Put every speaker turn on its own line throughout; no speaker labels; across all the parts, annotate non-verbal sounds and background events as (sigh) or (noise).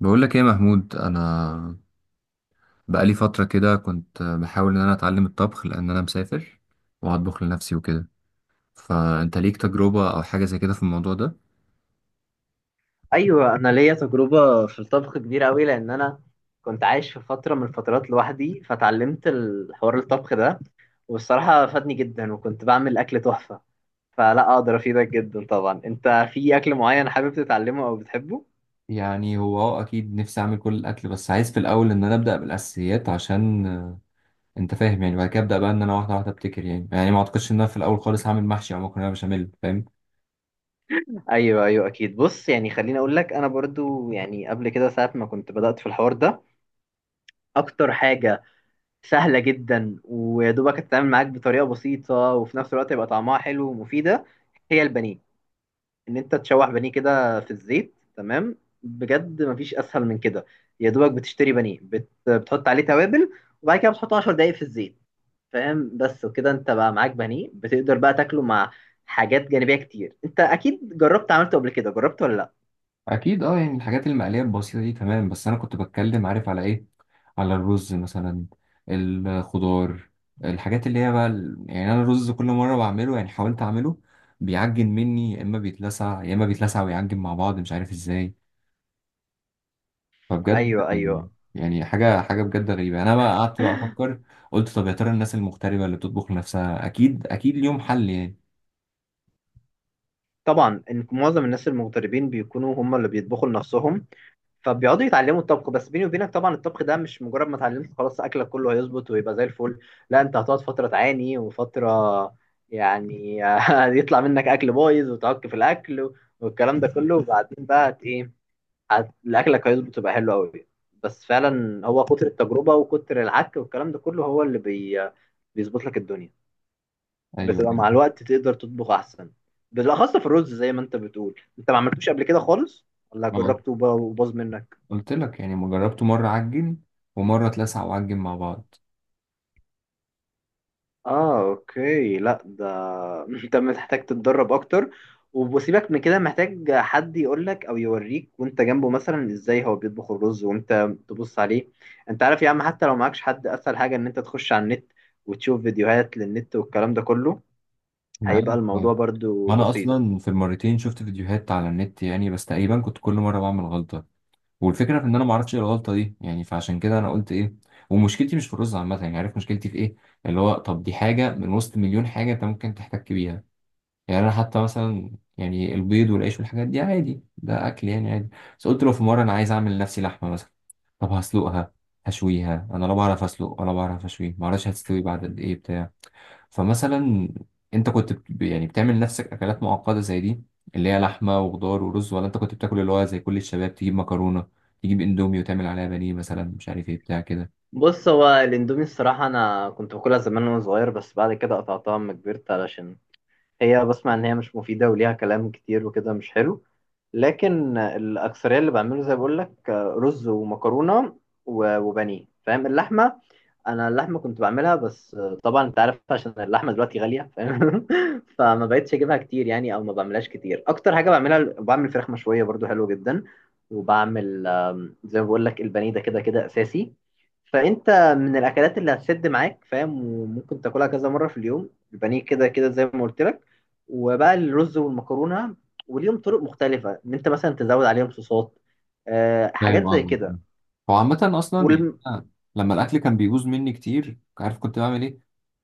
بقول لك ايه يا محمود؟ انا بقالي فتره كده كنت بحاول ان انا اتعلم الطبخ، لان انا مسافر وهطبخ لنفسي وكده. فانت ليك تجربه او حاجه زي كده في الموضوع ده؟
ايوه، انا ليا تجربه في الطبخ كبيره قوي لان انا كنت عايش في فتره من الفترات لوحدي، فتعلمت الحوار الطبخ ده والصراحه فادني جدا، وكنت بعمل اكل تحفه. فلا اقدر افيدك جدا. طبعا انت في اكل معين حابب تتعلمه او بتحبه؟
يعني هو اكيد نفسي اعمل كل الاكل، بس عايز في الاول ان انا ابدا بالاساسيات عشان انت فاهم. يعني بعد كده ابدا بقى ان انا واحده واحده ابتكر، يعني ما اعتقدش ان انا في الاول خالص هعمل محشي او مكرونه بشاميل فاهم.
ايوه اكيد. بص، خليني اقول لك، انا برضو قبل كده ساعه ما كنت بدات في الحوار ده، اكتر حاجه سهله جدا ويا دوبك تتعامل معاك بطريقه بسيطه وفي نفس الوقت يبقى طعمها حلو ومفيده، هي البانيه. ان انت تشوح بانيه كده في الزيت، تمام؟ بجد مفيش اسهل من كده. يا دوبك بتشتري بانيه بتحط عليه توابل، وبعد كده بتحطه 10 دقايق في الزيت. فاهم؟ بس وكده انت بقى معاك بانيه بتقدر بقى تاكله مع حاجات جانبية كتير. انت اكيد جربت عملته قبل كده، جربت ولا لا؟
اكيد اه، يعني الحاجات المقليه البسيطه دي تمام، بس انا كنت بتكلم عارف على ايه؟ على الرز مثلا، الخضار، الحاجات اللي هي بقى يعني انا الرز كل مره بعمله، يعني حاولت اعمله بيعجن مني، يا اما بيتلسع، يا اما بيتلسع ويعجن مع بعض مش عارف ازاي. فبجد
ايوه
يعني حاجه حاجه بجد غريبه. انا بقى قعدت بقى افكر، قلت طب يا ترى الناس المغتربه اللي بتطبخ لنفسها اكيد اكيد ليهم حل يعني.
طبعا. ان معظم الناس المغتربين بيكونوا هم اللي بيطبخوا لنفسهم، فبيقعدوا يتعلموا الطبخ. بس بيني وبينك، طبعا الطبخ ده مش مجرد ما اتعلمت خلاص اكلك كله هيظبط ويبقى زي الفل، لا، انت هتقعد فتره تعاني وفتره، يعني، (laughs) يطلع منك اكل بايظ وتعك في الاكل والكلام ده كله. وبعدين بقى الاكلك هيظبط ويبقى حلو قوي. بس فعلا هو كتر التجربه وكتر العك والكلام ده كله هو اللي بيظبط لك الدنيا.
ايوه
بتبقى مع
يعني،
الوقت تقدر تطبخ احسن، بالاخص في الرز. زي ما انت بتقول، انت ما عملتوش قبل كده خالص، ولا
ما
جربته وباظ منك؟
قلت لك يعني ما جربته، مره عجن ومره اتلسع وعجن مع بعض.
اه اوكي، لا ده (laughs) انت محتاج تتدرب اكتر. وسيبك من كده، محتاج حد يقول لك او يوريك وانت جنبه مثلا ازاي هو بيطبخ الرز وانت تبص عليه. انت عارف يا عم، حتى لو معكش حد، اسهل حاجه ان انت تخش على النت وتشوف فيديوهات للنت والكلام ده كله،
معاك.
هيبقى
اه،
الموضوع برضو
ما انا
بسيط.
اصلا في المرتين شفت فيديوهات على النت يعني، بس تقريبا كنت كل مره بعمل غلطه، والفكره في ان انا ما اعرفش ايه الغلطه دي يعني. فعشان كده انا قلت ايه، ومشكلتي مش في الرز عامه، يعني عارف مشكلتي في ايه؟ اللي هو طب دي حاجه من وسط مليون حاجه انت ممكن تحتك بيها. يعني انا حتى مثلا، يعني البيض والعيش والحاجات دي عادي، ده اكل يعني عادي. بس قلت لو في مره انا عايز اعمل لنفسي لحمه مثلا، طب هسلقها هشويها؟ انا لا بعرف اسلق ولا بعرف اشوي، ما اعرفش هتستوي بعد قد ايه بتاع. فمثلا انت كنت يعني بتعمل نفسك اكلات معقده زي دي اللي هي لحمه وخضار ورز، ولا انت كنت بتاكل اللي هو زي كل الشباب، تجيب مكرونه، تجيب اندومي وتعمل عليها بانيه مثلا مش عارف ايه بتاع كده؟
بص، هو الاندومي الصراحه انا كنت باكلها زمان وانا صغير، بس بعد كده قطعتها اما كبرت، علشان هي بسمع ان هي مش مفيده وليها كلام كتير وكده مش حلو. لكن الاكثريه اللي بعمله، زي بقول لك، رز ومكرونه وبانيه، فاهم؟ اللحمه، انا اللحمه كنت بعملها، بس طبعا انت عارف عشان اللحمه دلوقتي غاليه فاهم، (laughs) فما بقتش اجيبها كتير يعني، او ما بعملهاش كتير. اكتر حاجه بعملها بعمل فراخ مشويه برضو حلوه جدا. وبعمل زي ما بقول لك البانيه، ده كده كده اساسي. فانت، من الاكلات اللي هتسد معاك فاهم، وممكن تاكلها كذا مره في اليوم، البانيه كده كده زي ما قلت لك. وبقى الرز والمكرونه، وليهم طرق مختلفه ان انت مثلا تزود عليهم صوصات، آه،
فاهم
حاجات زي
قصدك.
كده.
هو عامه اصلا يعني
والم...
أنا لما الاكل كان بيبوظ مني كتير عارف كنت بعمل ايه؟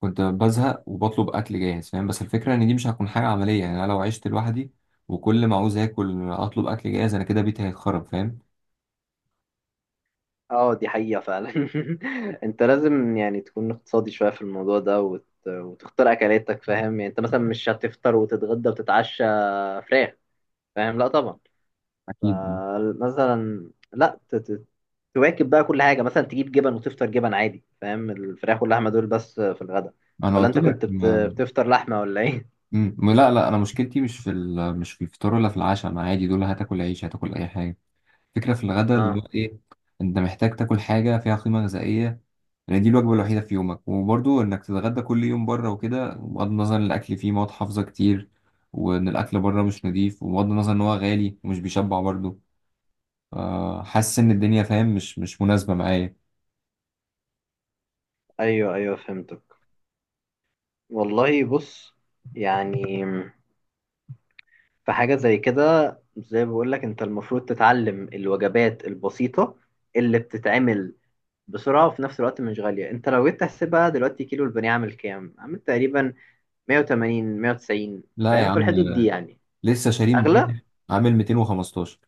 كنت بزهق وبطلب اكل جاهز، فاهم. بس الفكره ان دي مش هتكون حاجه عمليه، يعني انا لو عشت لوحدي وكل ما عاوز اكل اطلب اكل جاهز، انا كده بيتي هيتخرب فاهم.
اه دي حقيقه فعلا. (laughs) انت لازم يعني تكون اقتصادي شويه في الموضوع ده وتختار اكلاتك، فاهم؟ يعني انت مثلا مش هتفطر وتتغدى وتتعشى فراخ، فاهم؟ لا طبعا.
اكيد.
فمثلا لا، تواكب بقى كل حاجه، مثلا تجيب جبن وتفطر جبن عادي، فاهم؟ الفراخ واللحمه دول بس في الغداء،
انا
ولا
قلت
انت
لك.
كنت بتفطر لحمه ولا ايه؟
لا لا انا مشكلتي مش في مش في الفطار ولا في العشاء، انا عادي دول، هتاكل عيش هتاكل اي حاجه. فكره في الغداء اللي
اه،
هو ايه، انت محتاج تاكل حاجه فيها قيمه غذائيه، لان دي الوجبه الوحيده في يومك. وبرضو انك تتغدى كل يوم بره وكده، بغض النظر ان الاكل فيه مواد حافظه كتير وان الاكل بره مش نضيف، وبغض النظر ان هو غالي ومش بيشبع برضو. حاسس ان الدنيا فاهم مش مناسبه معايا.
ايوه فهمتك. والله بص، يعني في حاجة زي كده، زي ما بقول لك، انت المفروض تتعلم الوجبات البسيطة اللي بتتعمل بسرعة وفي نفس الوقت مش غالية. انت لو جيت تحسبها دلوقتي، كيلو البانيه عامل كام؟ عامل تقريبا 180، 190
لا يا
فاهم، في
عم،
الحدود دي يعني.
لسه شاري
اغلى؟
امبارح، عامل 215.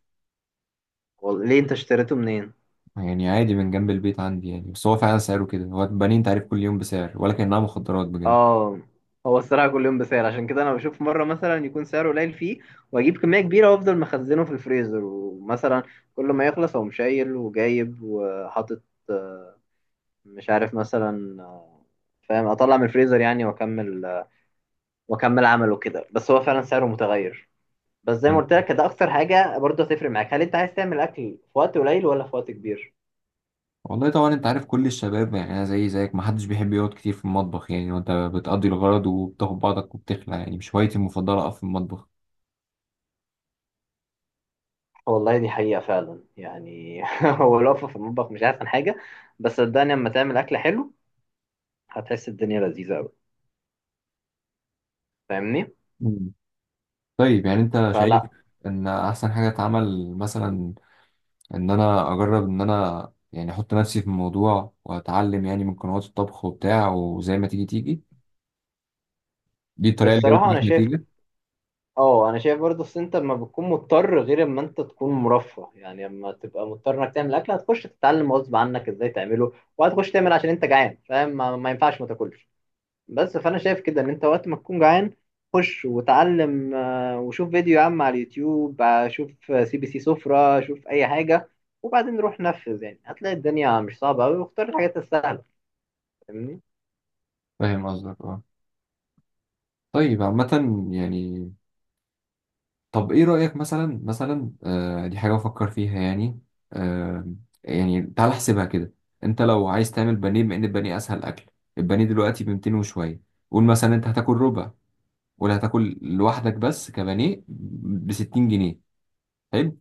ليه، انت اشتريته منين؟
يعني عادي، من جنب البيت عندي يعني. بس هو فعلا سعره كده، هو بنين، انت عارف كل يوم بسعر ولا كأنها مخدرات بجد.
اه، هو الصراحة كل يوم بسعر، عشان كده انا بشوف مرة مثلا يكون سعره قليل فيه، واجيب كمية كبيرة وافضل مخزنه في الفريزر، ومثلا كل ما يخلص اقوم شايل وجايب وحاطط، آه، مش عارف مثلا، فاهم؟ اطلع من الفريزر يعني واكمل، واكمل عمله كده. بس هو فعلا سعره متغير. بس زي ما
مم.
قلت لك، ده اكتر حاجة برضه هتفرق معاك، هل انت عايز تعمل اكل في وقت قليل ولا في وقت كبير.
والله طبعا انت عارف كل الشباب يعني، انا زي زيك، ما حدش بيحب يقعد كتير في المطبخ يعني. وانت بتقضي الغرض وبتاخد بعضك وبتخلع، يعني مش هوايتي المفضلة اقف في المطبخ.
والله دي حقيقة فعلا يعني، (laughs) هو الوقفة في المطبخ مش احسن حاجة، بس صدقني لما تعمل أكل حلو هتحس الدنيا لذيذة أوي، فاهمني.
مم. طيب يعني انت شايف
فلا،
ان احسن حاجة اتعمل مثلا ان انا اجرب، ان انا يعني احط نفسي في الموضوع واتعلم يعني من قنوات الطبخ وبتاع وزي ما تيجي تيجي؟ دي الطريقة اللي جابت
الصراحة أنا
معاك
شايف،
نتيجة؟
اه انا شايف برضه، اصل انت لما بتكون مضطر غير اما انت تكون مرفه يعني. اما تبقى مضطر انك تعمل اكل، هتخش تتعلم غصب عنك ازاي تعمله، وهتخش تعمل عشان انت جعان، فاهم؟ ما ينفعش ما تاكلش. بس فانا شايف كده ان انت وقت ما تكون جعان، خش وتعلم، وشوف فيديو يا عم على اليوتيوب، شوف سي بي سي سفرة، شوف اي حاجة، وبعدين روح نفذ. يعني هتلاقي الدنيا مش صعبة قوي، واختار الحاجات السهلة، فاهمني؟
فاهم قصدك اه. طيب عامة، يعني، طب ايه رأيك مثلا؟ دي حاجة بفكر فيها يعني. آه، يعني تعال احسبها كده. انت لو عايز تعمل بانيه، بما ان البانيه اسهل اكل، البانيه دلوقتي ب 200 وشوية. قول مثلا انت هتاكل ربع، ولا هتاكل لوحدك بس كبانيه، ب 60 جنيه. حلو.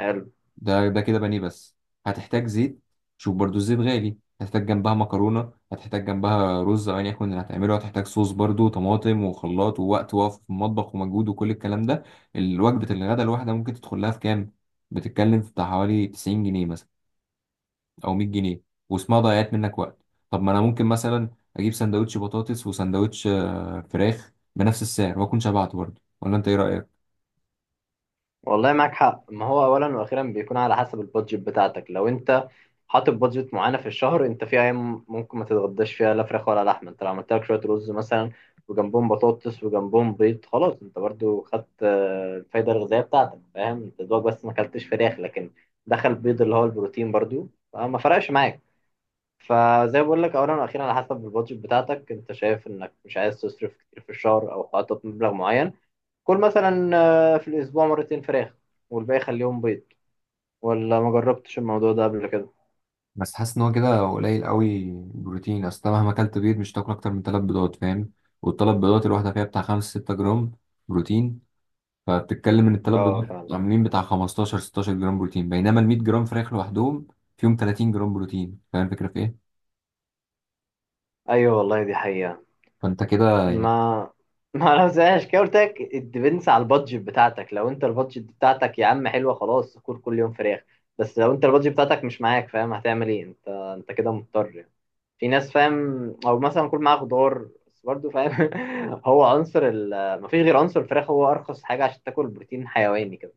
حلو.
ده كده بانيه بس. هتحتاج زيت، شوف برضو الزيت غالي، هتحتاج جنبها مكرونة، هتحتاج جنبها رز أو أيا يكن اللي هتعمله، هتحتاج صوص برضو طماطم وخلاط ووقت وقف في المطبخ ومجهود وكل الكلام ده. الوجبة الغداء الواحدة ممكن تدخل لها في كام؟ بتتكلم في بتاع حوالي 90 جنيه مثلا أو 100 جنيه، واسمها ضيعت منك وقت. طب ما أنا ممكن مثلا أجيب سندوتش بطاطس وسندوتش فراخ بنفس السعر وأكون شبعت برضو، ولا أنت إيه رأيك؟
والله معاك حق. ما هو اولا واخيرا بيكون على حسب البادجت بتاعتك. لو انت حاطط بادجت معينه في الشهر، انت في ايام ممكن ما تتغداش فيها لا فراخ ولا لحمه. انت لو عملت لك شويه رز مثلا وجنبهم بطاطس وجنبهم بيض، خلاص، انت برضو خدت الفايده الغذائيه بتاعتك، فاهم؟ انت دوبك بس ما اكلتش فراخ، لكن دخل بيض اللي هو البروتين برضو، فما فرقش معاك. فزي ما بقول لك، اولا واخيرا على حسب البادجت بتاعتك. انت شايف انك مش عايز تصرف كتير في الشهر، او حاطط مبلغ معين، كل مثلا، في الاسبوع مرتين فراخ والباقي خليهم بيض، ولا ما جربتش الموضوع ده قبل كده؟
بس حاسس ان هو كده قليل قوي بروتين، اصل أنت مهما اكلت بيض مش هتاكل اكتر من 3 بيضات فاهم. والثلاث بيضات الواحده فيها بتاع 5 6 جرام بروتين، فبتتكلم ان الثلاث
اه
بيضات
فعلا.
عاملين بتاع 15 16 جرام بروتين، بينما ال 100 جرام فراخ لوحدهم فيهم 30 جرام بروتين، فاهم الفكره في ايه؟
ايوه والله دي حقيقة.
فانت كده يعني.
ما، ما انا زهقش. كده قلت لك، الديبنس على البادجت بتاعتك. لو انت البادجت بتاعتك يا عم حلوه، خلاص كل يوم فراخ. بس لو انت البادجت بتاعتك مش معاك فاهم، هتعمل ايه؟ انت كده مضطر يعني. في ناس فاهم، او مثلا كل معاه خضار بس برضه فاهم، (laughs) هو عنصر ال مفيش غير عنصر الفراخ، هو ارخص حاجه عشان تاكل بروتين حيواني كده.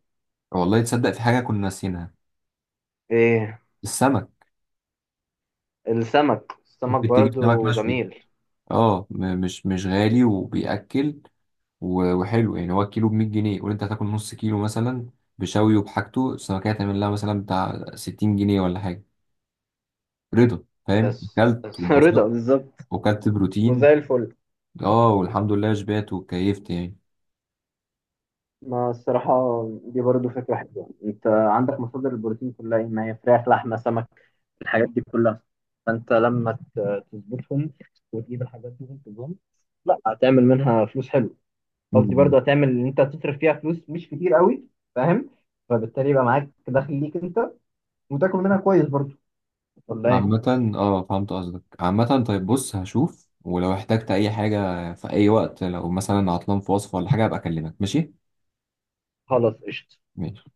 والله تصدق في حاجه كنا ناسينها،
ايه؟
السمك.
السمك. السمك
ممكن تجيب سمك
برضو
مشوي،
جميل.
اه مش غالي وبيأكل وحلو، يعني هو الكيلو ب 100 جنيه، قول انت هتاكل نص كيلو مثلا بشوي وبحاجته السمكية هتعمل لها مثلا بتاع 60 جنيه ولا حاجة. رضا فاهم،
بس
اكلت
بس (laughs)
واتبسطت
رضا بالظبط.
وكلت بروتين.
وزي الفل.
اه، والحمد لله شبعت وكيفت يعني.
ما الصراحة دي برضو فكرة حلوة. انت عندك مصادر البروتين كلها، ايه؟ ما هي فراخ، لحمة، سمك، الحاجات دي كلها. فانت لما تظبطهم وتجيب الحاجات دي وتظبطهم، لا هتعمل منها فلوس حلو. قصدي
مم.
برضو هتعمل ان انت هتصرف فيها فلوس مش كتير قوي، فاهم؟ فبالتالي يبقى معاك دخل ليك انت، وتاكل منها كويس برضو، ولا
عامة
ايه؟
اه فهمت قصدك. عامة طيب، بص هشوف، ولو احتجت اي حاجة في اي وقت، لو مثلا عطلان في وصفة ولا حاجة ابقى اكلمك. ماشي؟
خلاص قشطة.
ماشي.